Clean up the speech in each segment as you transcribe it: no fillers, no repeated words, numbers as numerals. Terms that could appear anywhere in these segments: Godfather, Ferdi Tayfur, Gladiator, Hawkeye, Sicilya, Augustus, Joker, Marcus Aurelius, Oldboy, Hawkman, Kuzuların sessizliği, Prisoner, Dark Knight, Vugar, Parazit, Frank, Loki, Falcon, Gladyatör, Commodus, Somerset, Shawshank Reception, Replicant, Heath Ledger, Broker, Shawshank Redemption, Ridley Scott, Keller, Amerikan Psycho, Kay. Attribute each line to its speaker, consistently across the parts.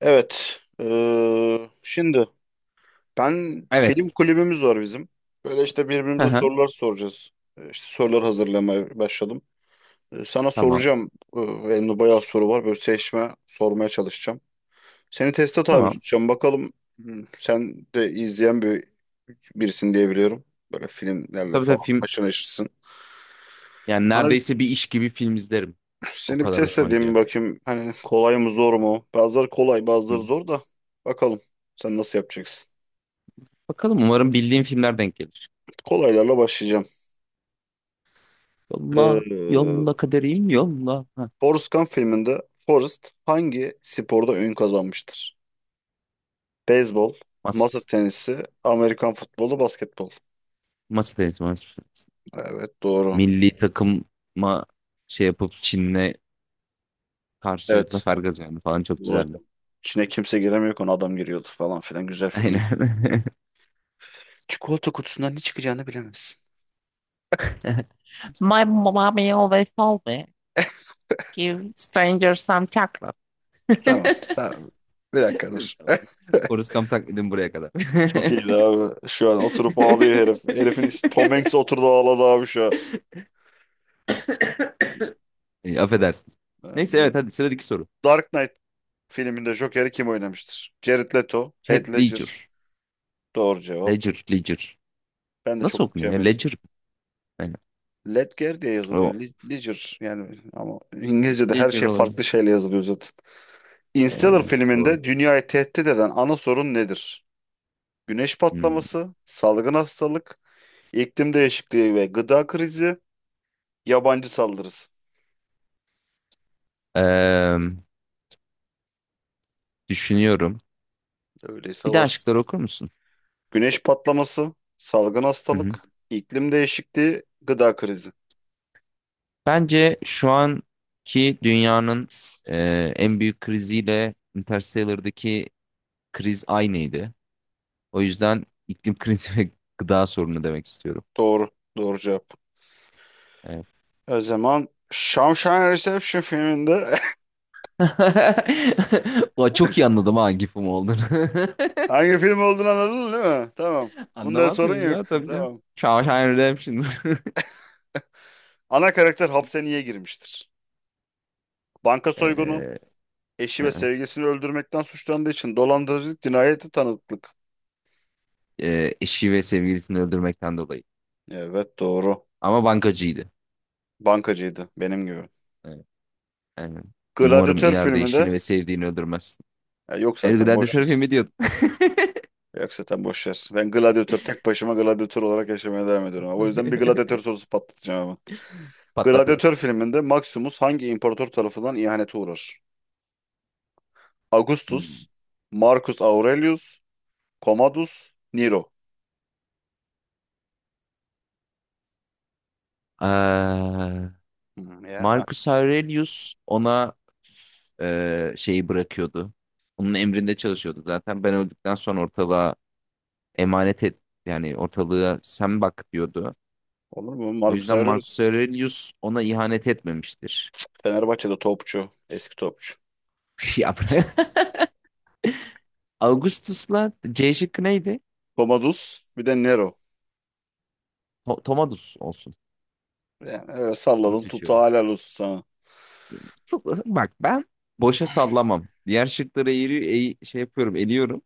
Speaker 1: Evet. Şimdi ben
Speaker 2: Evet.
Speaker 1: film kulübümüz var bizim. Böyle işte
Speaker 2: Hı
Speaker 1: birbirimize
Speaker 2: hı.
Speaker 1: sorular soracağız. İşte sorular hazırlamaya başladım. Sana
Speaker 2: Tamam.
Speaker 1: soracağım. Elimde bayağı soru var. Böyle seçme sormaya çalışacağım. Seni teste tabi
Speaker 2: Tamam.
Speaker 1: tutacağım. Bakalım, sen de izleyen birisin diye biliyorum. Böyle filmlerle
Speaker 2: Tabii
Speaker 1: falan
Speaker 2: tabii film,
Speaker 1: haşır neşirsin.
Speaker 2: yani
Speaker 1: Bana
Speaker 2: neredeyse bir
Speaker 1: bir-
Speaker 2: iş gibi film izlerim. O
Speaker 1: Seni bir
Speaker 2: kadar
Speaker 1: test
Speaker 2: hoşuma
Speaker 1: edeyim
Speaker 2: gidiyor.
Speaker 1: bakayım. Hani kolay mı zor mu? Bazıları kolay,
Speaker 2: Hı.
Speaker 1: bazıları zor da. Bakalım sen nasıl yapacaksın?
Speaker 2: Bakalım, umarım bildiğim filmler denk gelir.
Speaker 1: Kolaylarla başlayacağım.
Speaker 2: Yolla,
Speaker 1: Ee,
Speaker 2: yolla kaderim yolla. Ha,
Speaker 1: Forrest Gump filminde Forrest hangi sporda ün kazanmıştır? Beyzbol, masa
Speaker 2: masa,
Speaker 1: tenisi, Amerikan futbolu, basketbol.
Speaker 2: masa tenisi, masa tenisi.
Speaker 1: Evet, doğru.
Speaker 2: Milli takıma şey yapıp Çin'le karşı
Speaker 1: Evet.
Speaker 2: zafer kazandı falan, çok
Speaker 1: Zor.
Speaker 2: güzeldi.
Speaker 1: İçine kimse giremiyor konu adam giriyordu falan filan, güzel filmdi.
Speaker 2: Aynen.
Speaker 1: Çikolata kutusundan ne çıkacağını bilemezsin.
Speaker 2: My mommy always told me, give strangers some chocolate.
Speaker 1: Tamam. Tamam. Bir dakika dur.
Speaker 2: Tamam. Forrest Gump taklidim buraya kadar.
Speaker 1: Çok iyiydi abi. Şu an oturup ağlıyor herif. Tom Hanks oturdu ağladı abi şu an.
Speaker 2: Affedersin.
Speaker 1: Ben
Speaker 2: Neyse,
Speaker 1: de-
Speaker 2: evet, hadi sıradaki soru.
Speaker 1: Dark Knight filminde Joker'i kim oynamıştır? Jared Leto, Heath
Speaker 2: Heath Ledger.
Speaker 1: Ledger. Doğru cevap.
Speaker 2: Ledger, Ledger.
Speaker 1: Ben de
Speaker 2: Nasıl
Speaker 1: çok
Speaker 2: okunuyor ya?
Speaker 1: okuyamıyorum.
Speaker 2: Ledger. Yani,
Speaker 1: Ledger diye yazılıyor.
Speaker 2: o.
Speaker 1: Ledger yani, ama İngilizce'de her
Speaker 2: Ledger
Speaker 1: şey farklı
Speaker 2: olabilir.
Speaker 1: şeyle yazılıyor zaten. Interstellar
Speaker 2: Yani, doğru.
Speaker 1: filminde dünyayı tehdit eden ana sorun nedir? Güneş
Speaker 2: Hmm.
Speaker 1: patlaması, salgın hastalık, iklim değişikliği ve gıda krizi, yabancı saldırısı.
Speaker 2: Eee, Düşünüyorum.
Speaker 1: Öyleyse
Speaker 2: Bir de
Speaker 1: varız.
Speaker 2: aşkları okur musun?
Speaker 1: Güneş patlaması, salgın
Speaker 2: Hı hı.
Speaker 1: hastalık, iklim değişikliği, gıda krizi.
Speaker 2: Bence şu anki dünyanın en büyük kriziyle Interstellar'daki kriz aynıydı. O yüzden iklim krizi ve gıda sorunu demek istiyorum.
Speaker 1: Doğru. Doğru cevap.
Speaker 2: Evet.
Speaker 1: O zaman Shawshank Reception filminde
Speaker 2: Ulan, çok iyi anladım ha gifim film olduğunu.
Speaker 1: hangi film olduğunu anladın değil mi? Tamam. Bunda
Speaker 2: Anlamaz
Speaker 1: sorun
Speaker 2: mıyım
Speaker 1: yok.
Speaker 2: ya, tabii canım.
Speaker 1: Tamam.
Speaker 2: Shawshank Redemption.
Speaker 1: Ana karakter hapse niye girmiştir? Banka soygunu,
Speaker 2: Ee,
Speaker 1: eşi ve sevgilisini öldürmekten suçlandığı için, dolandırıcılık, cinayeti tanıklık.
Speaker 2: Eşi ve sevgilisini öldürmekten dolayı.
Speaker 1: Evet, doğru.
Speaker 2: Ama bankacıydı.
Speaker 1: Bankacıydı benim gibi.
Speaker 2: Evet, aynen. Umarım
Speaker 1: Gladyatör
Speaker 2: ileride
Speaker 1: filminde
Speaker 2: eşini ve sevdiğini öldürmezsin.
Speaker 1: ya yok
Speaker 2: El
Speaker 1: zaten
Speaker 2: Gladiator
Speaker 1: boşuz.
Speaker 2: filmi diyordum.
Speaker 1: Ver. Yok zaten boş ver. Ben gladyatör, tek başıma gladyatör olarak yaşamaya devam ediyorum. O yüzden bir gladyatör sorusu patlatacağım hemen.
Speaker 2: Patlat hadi.
Speaker 1: Gladyatör filminde Maximus hangi imparator tarafından ihanete uğrar?
Speaker 2: Hmm.
Speaker 1: Augustus, Marcus Aurelius, Commodus, Nero.
Speaker 2: Ee,
Speaker 1: Hmm, ya
Speaker 2: Marcus Aurelius ona şeyi bırakıyordu. Onun emrinde çalışıyordu zaten. Ben öldükten sonra ortalığa emanet et, yani ortalığa sen bak diyordu.
Speaker 1: olur mu?
Speaker 2: O
Speaker 1: Marcus
Speaker 2: yüzden
Speaker 1: Aurelius
Speaker 2: Marcus Aurelius ona ihanet etmemiştir.
Speaker 1: Fenerbahçe'de topçu, eski topçu.
Speaker 2: Ya bırak. Augustus'la C şıkkı neydi?
Speaker 1: Commodus, bir de Nero.
Speaker 2: Tomadus olsun.
Speaker 1: Yani öyle
Speaker 2: Onu
Speaker 1: salladım tuttu,
Speaker 2: seçiyorum.
Speaker 1: helal olsun sana.
Speaker 2: Tıklasın. Bak, ben boşa sallamam. Diğer şıkları eğri, şey yapıyorum, eliyorum.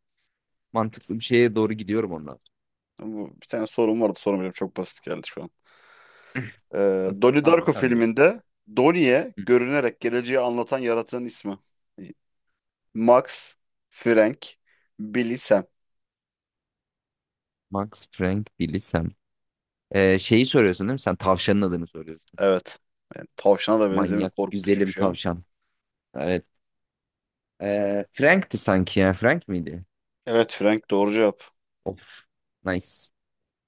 Speaker 2: Mantıklı bir şeye doğru gidiyorum ondan
Speaker 1: Bir tane sorum vardı, sorum çok basit geldi şu an.
Speaker 2: sonra.
Speaker 1: Donnie
Speaker 2: Tamam,
Speaker 1: Darko
Speaker 2: sen bilirsin.
Speaker 1: filminde Donnie'ye
Speaker 2: Hı hı.
Speaker 1: görünerek geleceği anlatan yaratığın ismi. Max, Frank, Billy, Sam.
Speaker 2: Max Frank bilirsem. Şeyi soruyorsun değil mi? Sen tavşanın adını soruyorsun.
Speaker 1: Evet. Yani tavşana da benzemiyor.
Speaker 2: Manyak
Speaker 1: Korkutucu bir
Speaker 2: güzelim
Speaker 1: şey ama.
Speaker 2: tavşan. Evet. Frank'ti sanki ya. Frank miydi?
Speaker 1: Evet, Frank doğru cevap.
Speaker 2: Of. Nice.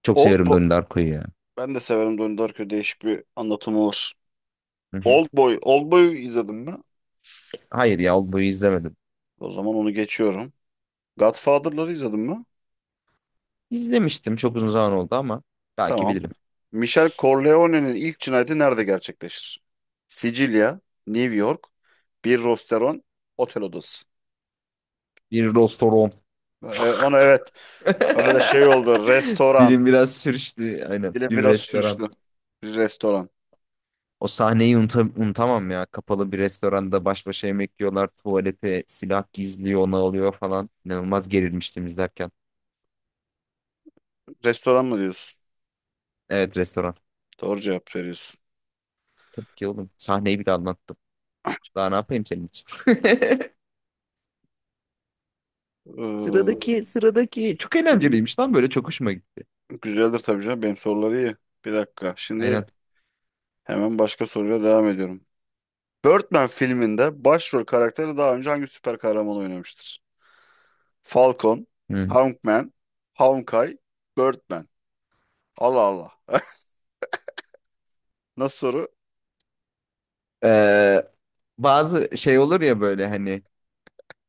Speaker 2: Çok
Speaker 1: Old,
Speaker 2: severim Donnie Darko'yu ya.
Speaker 1: Ben de severim Donnie Darko. Değişik bir anlatımı var.
Speaker 2: Hı hı.
Speaker 1: Oldboy. Oldboy'u izledim mi?
Speaker 2: Hayır ya, Oldboy'u izlemedim.
Speaker 1: O zaman onu geçiyorum. Godfather'ları izledim mi?
Speaker 2: İzlemiştim, çok uzun zaman oldu ama belki
Speaker 1: Tamam.
Speaker 2: bilirim.
Speaker 1: Michel Corleone'nin ilk cinayeti nerede gerçekleşir? Sicilya, New York, bir restoran, otel odası.
Speaker 2: Bir restoran.
Speaker 1: E, onu evet. Arada şey oldu. Restoran.
Speaker 2: Dilim biraz sürçtü. Aynen.
Speaker 1: Dilim
Speaker 2: Bir
Speaker 1: biraz
Speaker 2: restoran.
Speaker 1: sürçtü. Bir restoran.
Speaker 2: O sahneyi unutamam ya. Kapalı bir restoranda baş başa yemek yiyorlar. Tuvalete silah gizliyor, onu alıyor falan. İnanılmaz gerilmiştim izlerken.
Speaker 1: Restoran mı diyorsun?
Speaker 2: Evet, restoran.
Speaker 1: Doğru cevap veriyorsun.
Speaker 2: Tabii ki oğlum. Sahneyi bile anlattım. Daha ne yapayım senin için?
Speaker 1: Ee,
Speaker 2: Sıradaki çok
Speaker 1: şimdi,
Speaker 2: eğlenceliymiş lan, böyle çok hoşuma gitti.
Speaker 1: güzeldir tabii canım. Benim soruları iyi. Bir dakika. Şimdi
Speaker 2: Aynen.
Speaker 1: hemen başka soruyla devam ediyorum. Birdman filminde başrol karakteri daha önce hangi süper kahraman oynamıştır? Falcon,
Speaker 2: Hı.
Speaker 1: Hawkman, Hawkeye, Birdman. Allah Allah. Nasıl soru?
Speaker 2: Ee, Bazı şey olur ya, böyle hani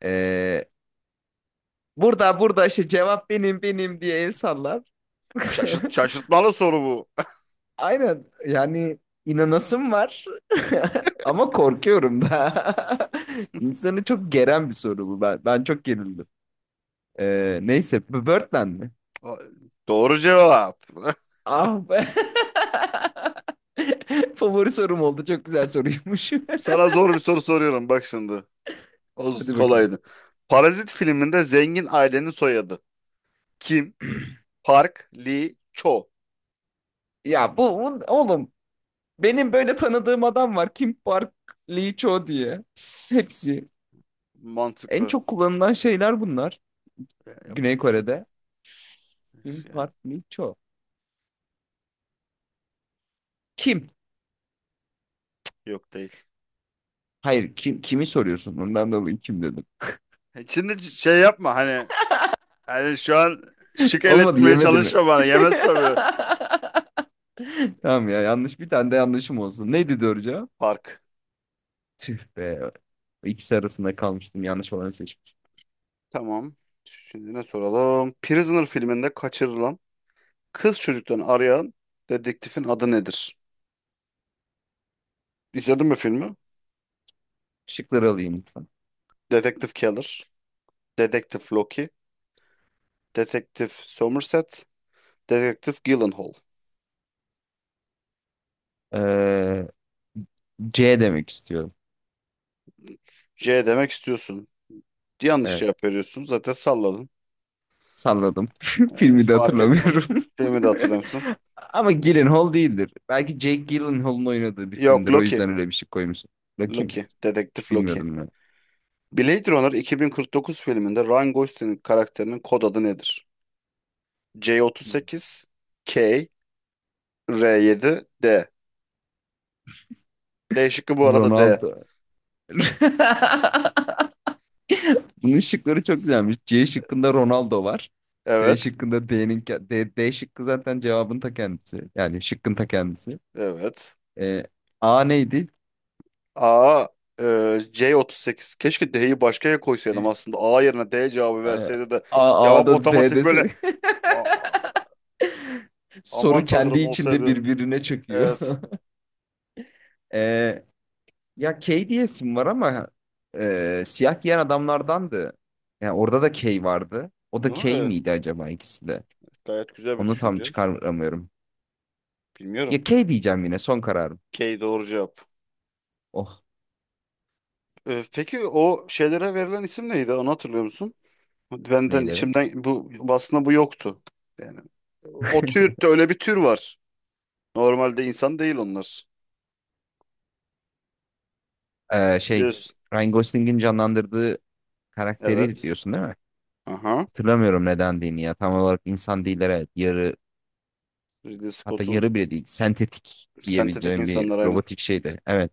Speaker 2: ee, burada burada işte cevap benim benim diye el sallar.
Speaker 1: Şaşırtmalı soru bu.
Speaker 2: Aynen, yani inanasım var ama korkuyorum da. İnsanı çok geren bir soru bu. Ben çok gerildim. Neyse, Birdman mi?
Speaker 1: Doğru cevap.
Speaker 2: Ah be. Favori sorum oldu. Çok güzel soruymuş.
Speaker 1: Sana zor bir soru soruyorum bak şimdi.
Speaker 2: Hadi bakalım.
Speaker 1: Kolaydı. Parazit filminde zengin ailenin soyadı. Kim? Park, Lee, Cho.
Speaker 2: Ya oğlum,
Speaker 1: Evet,
Speaker 2: benim böyle tanıdığım adam var. Kim Park Lee Cho diye. Hepsi. En
Speaker 1: mantıklı.
Speaker 2: çok kullanılan şeyler bunlar.
Speaker 1: Yani
Speaker 2: Güney
Speaker 1: yapacak bir şey yok.
Speaker 2: Kore'de. Kim
Speaker 1: Yani
Speaker 2: Park Lee Cho. Kim?
Speaker 1: yok değil.
Speaker 2: Hayır, kim kimi soruyorsun? Ondan dolayı kim dedim.
Speaker 1: Şimdi şey yapma hani, yani şu an şık el
Speaker 2: Olmadı,
Speaker 1: eletmeye
Speaker 2: yemedi mi?
Speaker 1: çalışma bana. Yemez tabii.
Speaker 2: Tamam ya, yanlış bir tane de yanlışım olsun. Neydi doğru cevap?
Speaker 1: Park.
Speaker 2: Tüh be. İkisi arasında kalmıştım. Yanlış olanı seçmişim.
Speaker 1: Tamam. Şimdi ne soralım? Prisoner filminde kaçırılan kız çocuktan arayan dedektifin adı nedir? İzledin mi filmi?
Speaker 2: Şıkları alayım lütfen.
Speaker 1: Dedektif Keller, Dedektif Loki, Dedektif Somerset, Dedektif Gyllenhaal.
Speaker 2: Ee, C demek istiyorum.
Speaker 1: C demek istiyorsun. Yanlış
Speaker 2: Ee,
Speaker 1: cevap veriyorsun. Zaten salladın.
Speaker 2: Salladım. Filmi de
Speaker 1: Fark ettim.
Speaker 2: hatırlamıyorum.
Speaker 1: Filmi de hatırlıyor musun?
Speaker 2: Ama Gyllenhaal değildir. Belki Jake Gyllenhaal'ın oynadığı bir
Speaker 1: Yok,
Speaker 2: filmdir. O
Speaker 1: Loki.
Speaker 2: yüzden öyle bir şey koymuşum. Bakayım.
Speaker 1: Loki.
Speaker 2: Hiç
Speaker 1: Dedektif Loki.
Speaker 2: bilmiyordum ben.
Speaker 1: Blade Runner 2049 filminde Ryan Gosling'in karakterinin kod adı nedir? C38, K, R7, D. D şıkkı bu arada D.
Speaker 2: Ronaldo. Bunun şıkları çok güzelmiş. C şıkkında Ronaldo var. D
Speaker 1: Evet,
Speaker 2: şıkkında D'nin D şıkkı zaten cevabın ta kendisi. Yani şıkkın ta kendisi.
Speaker 1: evet.
Speaker 2: Ee, A neydi?
Speaker 1: A, e, C38. Keşke D'yi başkaya koysaydım
Speaker 2: C-
Speaker 1: aslında. A yerine D cevabı
Speaker 2: A,
Speaker 1: verseydi de cevap
Speaker 2: A'da D
Speaker 1: otomatik böyle
Speaker 2: dese
Speaker 1: "A- a- aman
Speaker 2: soru kendi
Speaker 1: tanrım"
Speaker 2: içinde
Speaker 1: olsaydı.
Speaker 2: birbirine çöküyor.
Speaker 1: Evet.
Speaker 2: Ee, Ya Kay diyesim var ama siyah giyen adamlardandı. Yani orada da Kay vardı. O da
Speaker 1: Ne?
Speaker 2: Kay
Speaker 1: Evet,
Speaker 2: miydi acaba ikisi de?
Speaker 1: gayet güzel bir
Speaker 2: Onu tam
Speaker 1: düşünce.
Speaker 2: çıkaramıyorum.
Speaker 1: Bilmiyorum.
Speaker 2: Ya Kay diyeceğim, yine son kararım.
Speaker 1: K doğru cevap.
Speaker 2: Oh
Speaker 1: E, peki o şeylere verilen isim neydi? Onu hatırlıyor musun? Benden
Speaker 2: neyleri.
Speaker 1: içimden bu aslında bu yoktu. Yani o tür, öyle bir tür var. Normalde insan değil onlar.
Speaker 2: Şey,
Speaker 1: Biliyorsun.
Speaker 2: Ryan Gosling'in canlandırdığı karakteri
Speaker 1: Evet.
Speaker 2: diyorsun değil mi?
Speaker 1: Aha.
Speaker 2: Hatırlamıyorum nedendiğini ya. Tam olarak insan değil, evet. Yarı,
Speaker 1: Ridley
Speaker 2: hatta
Speaker 1: Scott'un
Speaker 2: yarı bile değil. Sentetik
Speaker 1: sentetik
Speaker 2: diyebileceğim bir
Speaker 1: insanlar aynen.
Speaker 2: robotik şeydi. Evet,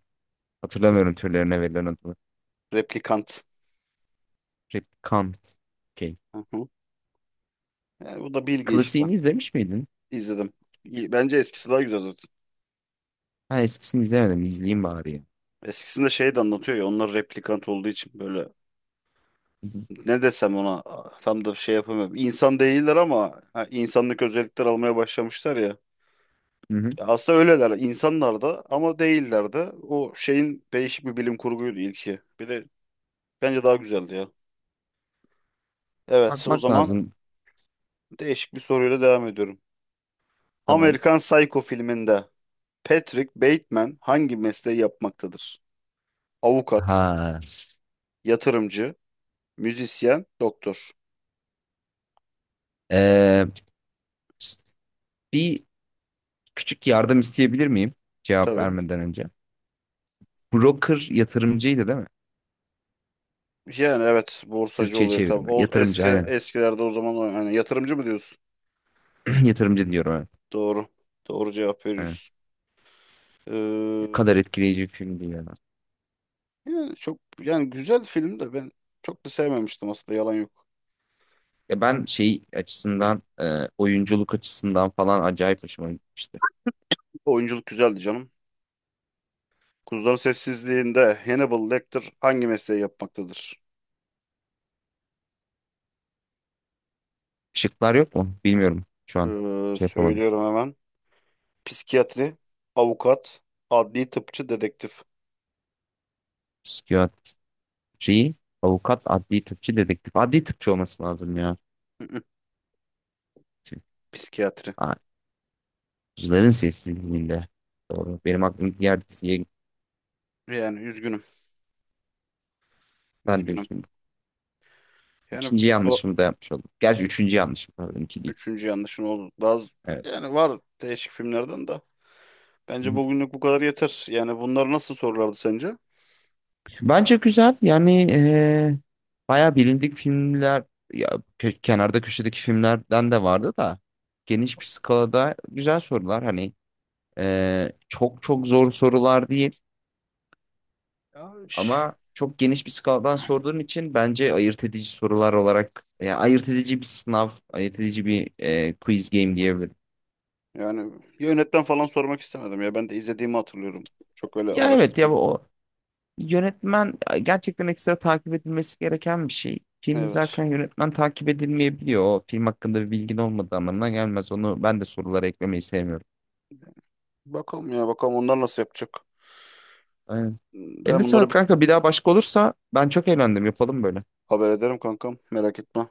Speaker 2: hatırlamıyorum türlerine verilen adını.
Speaker 1: Replikant.
Speaker 2: Replicant. Kay.
Speaker 1: Aha. Yani bu da bilgi işte.
Speaker 2: Klasiğini izlemiş miydin?
Speaker 1: İzledim. Bence eskisi daha güzel zaten.
Speaker 2: Ha, eskisini izlemedim. İzleyeyim bari ya.
Speaker 1: Eskisinde şey de anlatıyor ya, onlar replikant olduğu için böyle
Speaker 2: Hı hı.
Speaker 1: ne desem ona, tam da şey yapamıyorum. İnsan değiller ama ha, insanlık özellikler almaya başlamışlar ya.
Speaker 2: Hı hı.
Speaker 1: Ya aslında öyleler, insanlar da ama değiller de. O şeyin değişik bir bilim kurguydu ilki. Bir de bence daha güzeldi ya. Evet, o
Speaker 2: Bakmak
Speaker 1: zaman
Speaker 2: lazım.
Speaker 1: değişik bir soruyla devam ediyorum.
Speaker 2: Tamam.
Speaker 1: Amerikan Psycho filminde Patrick Bateman hangi mesleği yapmaktadır? Avukat,
Speaker 2: Ha.
Speaker 1: yatırımcı, müzisyen, doktor.
Speaker 2: Ee, Bir küçük yardım isteyebilir miyim? Cevap
Speaker 1: Tabii.
Speaker 2: vermeden önce. Broker yatırımcıydı değil mi?
Speaker 1: Yani evet, borsacı
Speaker 2: Türkçe'ye
Speaker 1: oluyor tabii.
Speaker 2: çevirme.
Speaker 1: O
Speaker 2: Yatırımcı
Speaker 1: eski
Speaker 2: aynen.
Speaker 1: eskilerde o zaman yani yatırımcı mı diyorsun?
Speaker 2: Yatırımcı diyorum, evet.
Speaker 1: Doğru. Doğru cevap
Speaker 2: Evet.
Speaker 1: veriyoruz.
Speaker 2: Ne kadar etkileyici bir filmdi ya.
Speaker 1: Yani çok yani güzel film de ben çok da sevmemiştim aslında, yalan yok.
Speaker 2: Ya ben şey açısından, oyunculuk açısından falan acayip hoşuma gitmişti.
Speaker 1: Oyunculuk güzeldi canım. Kuzuların Sessizliği'nde Hannibal Lecter hangi mesleği yapmaktadır?
Speaker 2: Şıklar yok mu? Bilmiyorum şu an. Şey yapamadım.
Speaker 1: Söylüyorum hemen. Psikiyatri, avukat, adli tıpçı, dedektif.
Speaker 2: Psikiyatriyi. Avukat, adli tıpçı, dedektif. Adli tıpçı olması lazım ya.
Speaker 1: Hı hı,
Speaker 2: Şimdi,
Speaker 1: psikiyatri.
Speaker 2: aa, Kuzuların Sessizliği'nde. Doğru. Benim aklım diğer diziye gitti.
Speaker 1: Yani üzgünüm,
Speaker 2: Ben de
Speaker 1: üzgünüm.
Speaker 2: üstüne.
Speaker 1: Yani
Speaker 2: İkinci
Speaker 1: so
Speaker 2: yanlışımı da yapmış oldum. Gerçi üçüncü yanlışım. Pardon, iki değil.
Speaker 1: Üçüncü yanlışın oldu.
Speaker 2: Evet.
Speaker 1: Yani var değişik filmlerden de. Bence bugünlük bu kadar yeter. Yani bunlar nasıl sorulardı sence?
Speaker 2: Bence güzel. Yani bayağı bilindik filmler ya, kenarda köşedeki filmlerden de vardı da geniş bir skalada güzel sorular. Hani çok çok zor sorular değil. Ama çok geniş bir skaladan sorduğun için bence ayırt edici sorular olarak, yani ayırt edici bir sınav, ayırt edici bir quiz game diyebilirim.
Speaker 1: Yani yönetmen falan sormak istemedim ya. Ben de izlediğimi hatırlıyorum. Çok öyle
Speaker 2: Ya evet, ya
Speaker 1: araştırma.
Speaker 2: o yönetmen gerçekten ekstra takip edilmesi gereken bir şey. Film
Speaker 1: Evet.
Speaker 2: izlerken yönetmen takip edilmeyebiliyor. O film hakkında bir bilgin olmadığı anlamına gelmez. Onu ben de sorulara eklemeyi sevmiyorum.
Speaker 1: Bakalım ya, bakalım onlar nasıl yapacak.
Speaker 2: Aynen.
Speaker 1: Ben
Speaker 2: Eline
Speaker 1: bunlara
Speaker 2: sağlık
Speaker 1: bir
Speaker 2: kanka. Bir daha başka olursa ben çok eğlendim. Yapalım böyle.
Speaker 1: haber ederim kankam. Merak etme.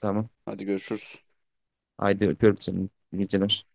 Speaker 2: Tamam.
Speaker 1: Hadi görüşürüz.
Speaker 2: Haydi öpüyorum seni. İyi geceler.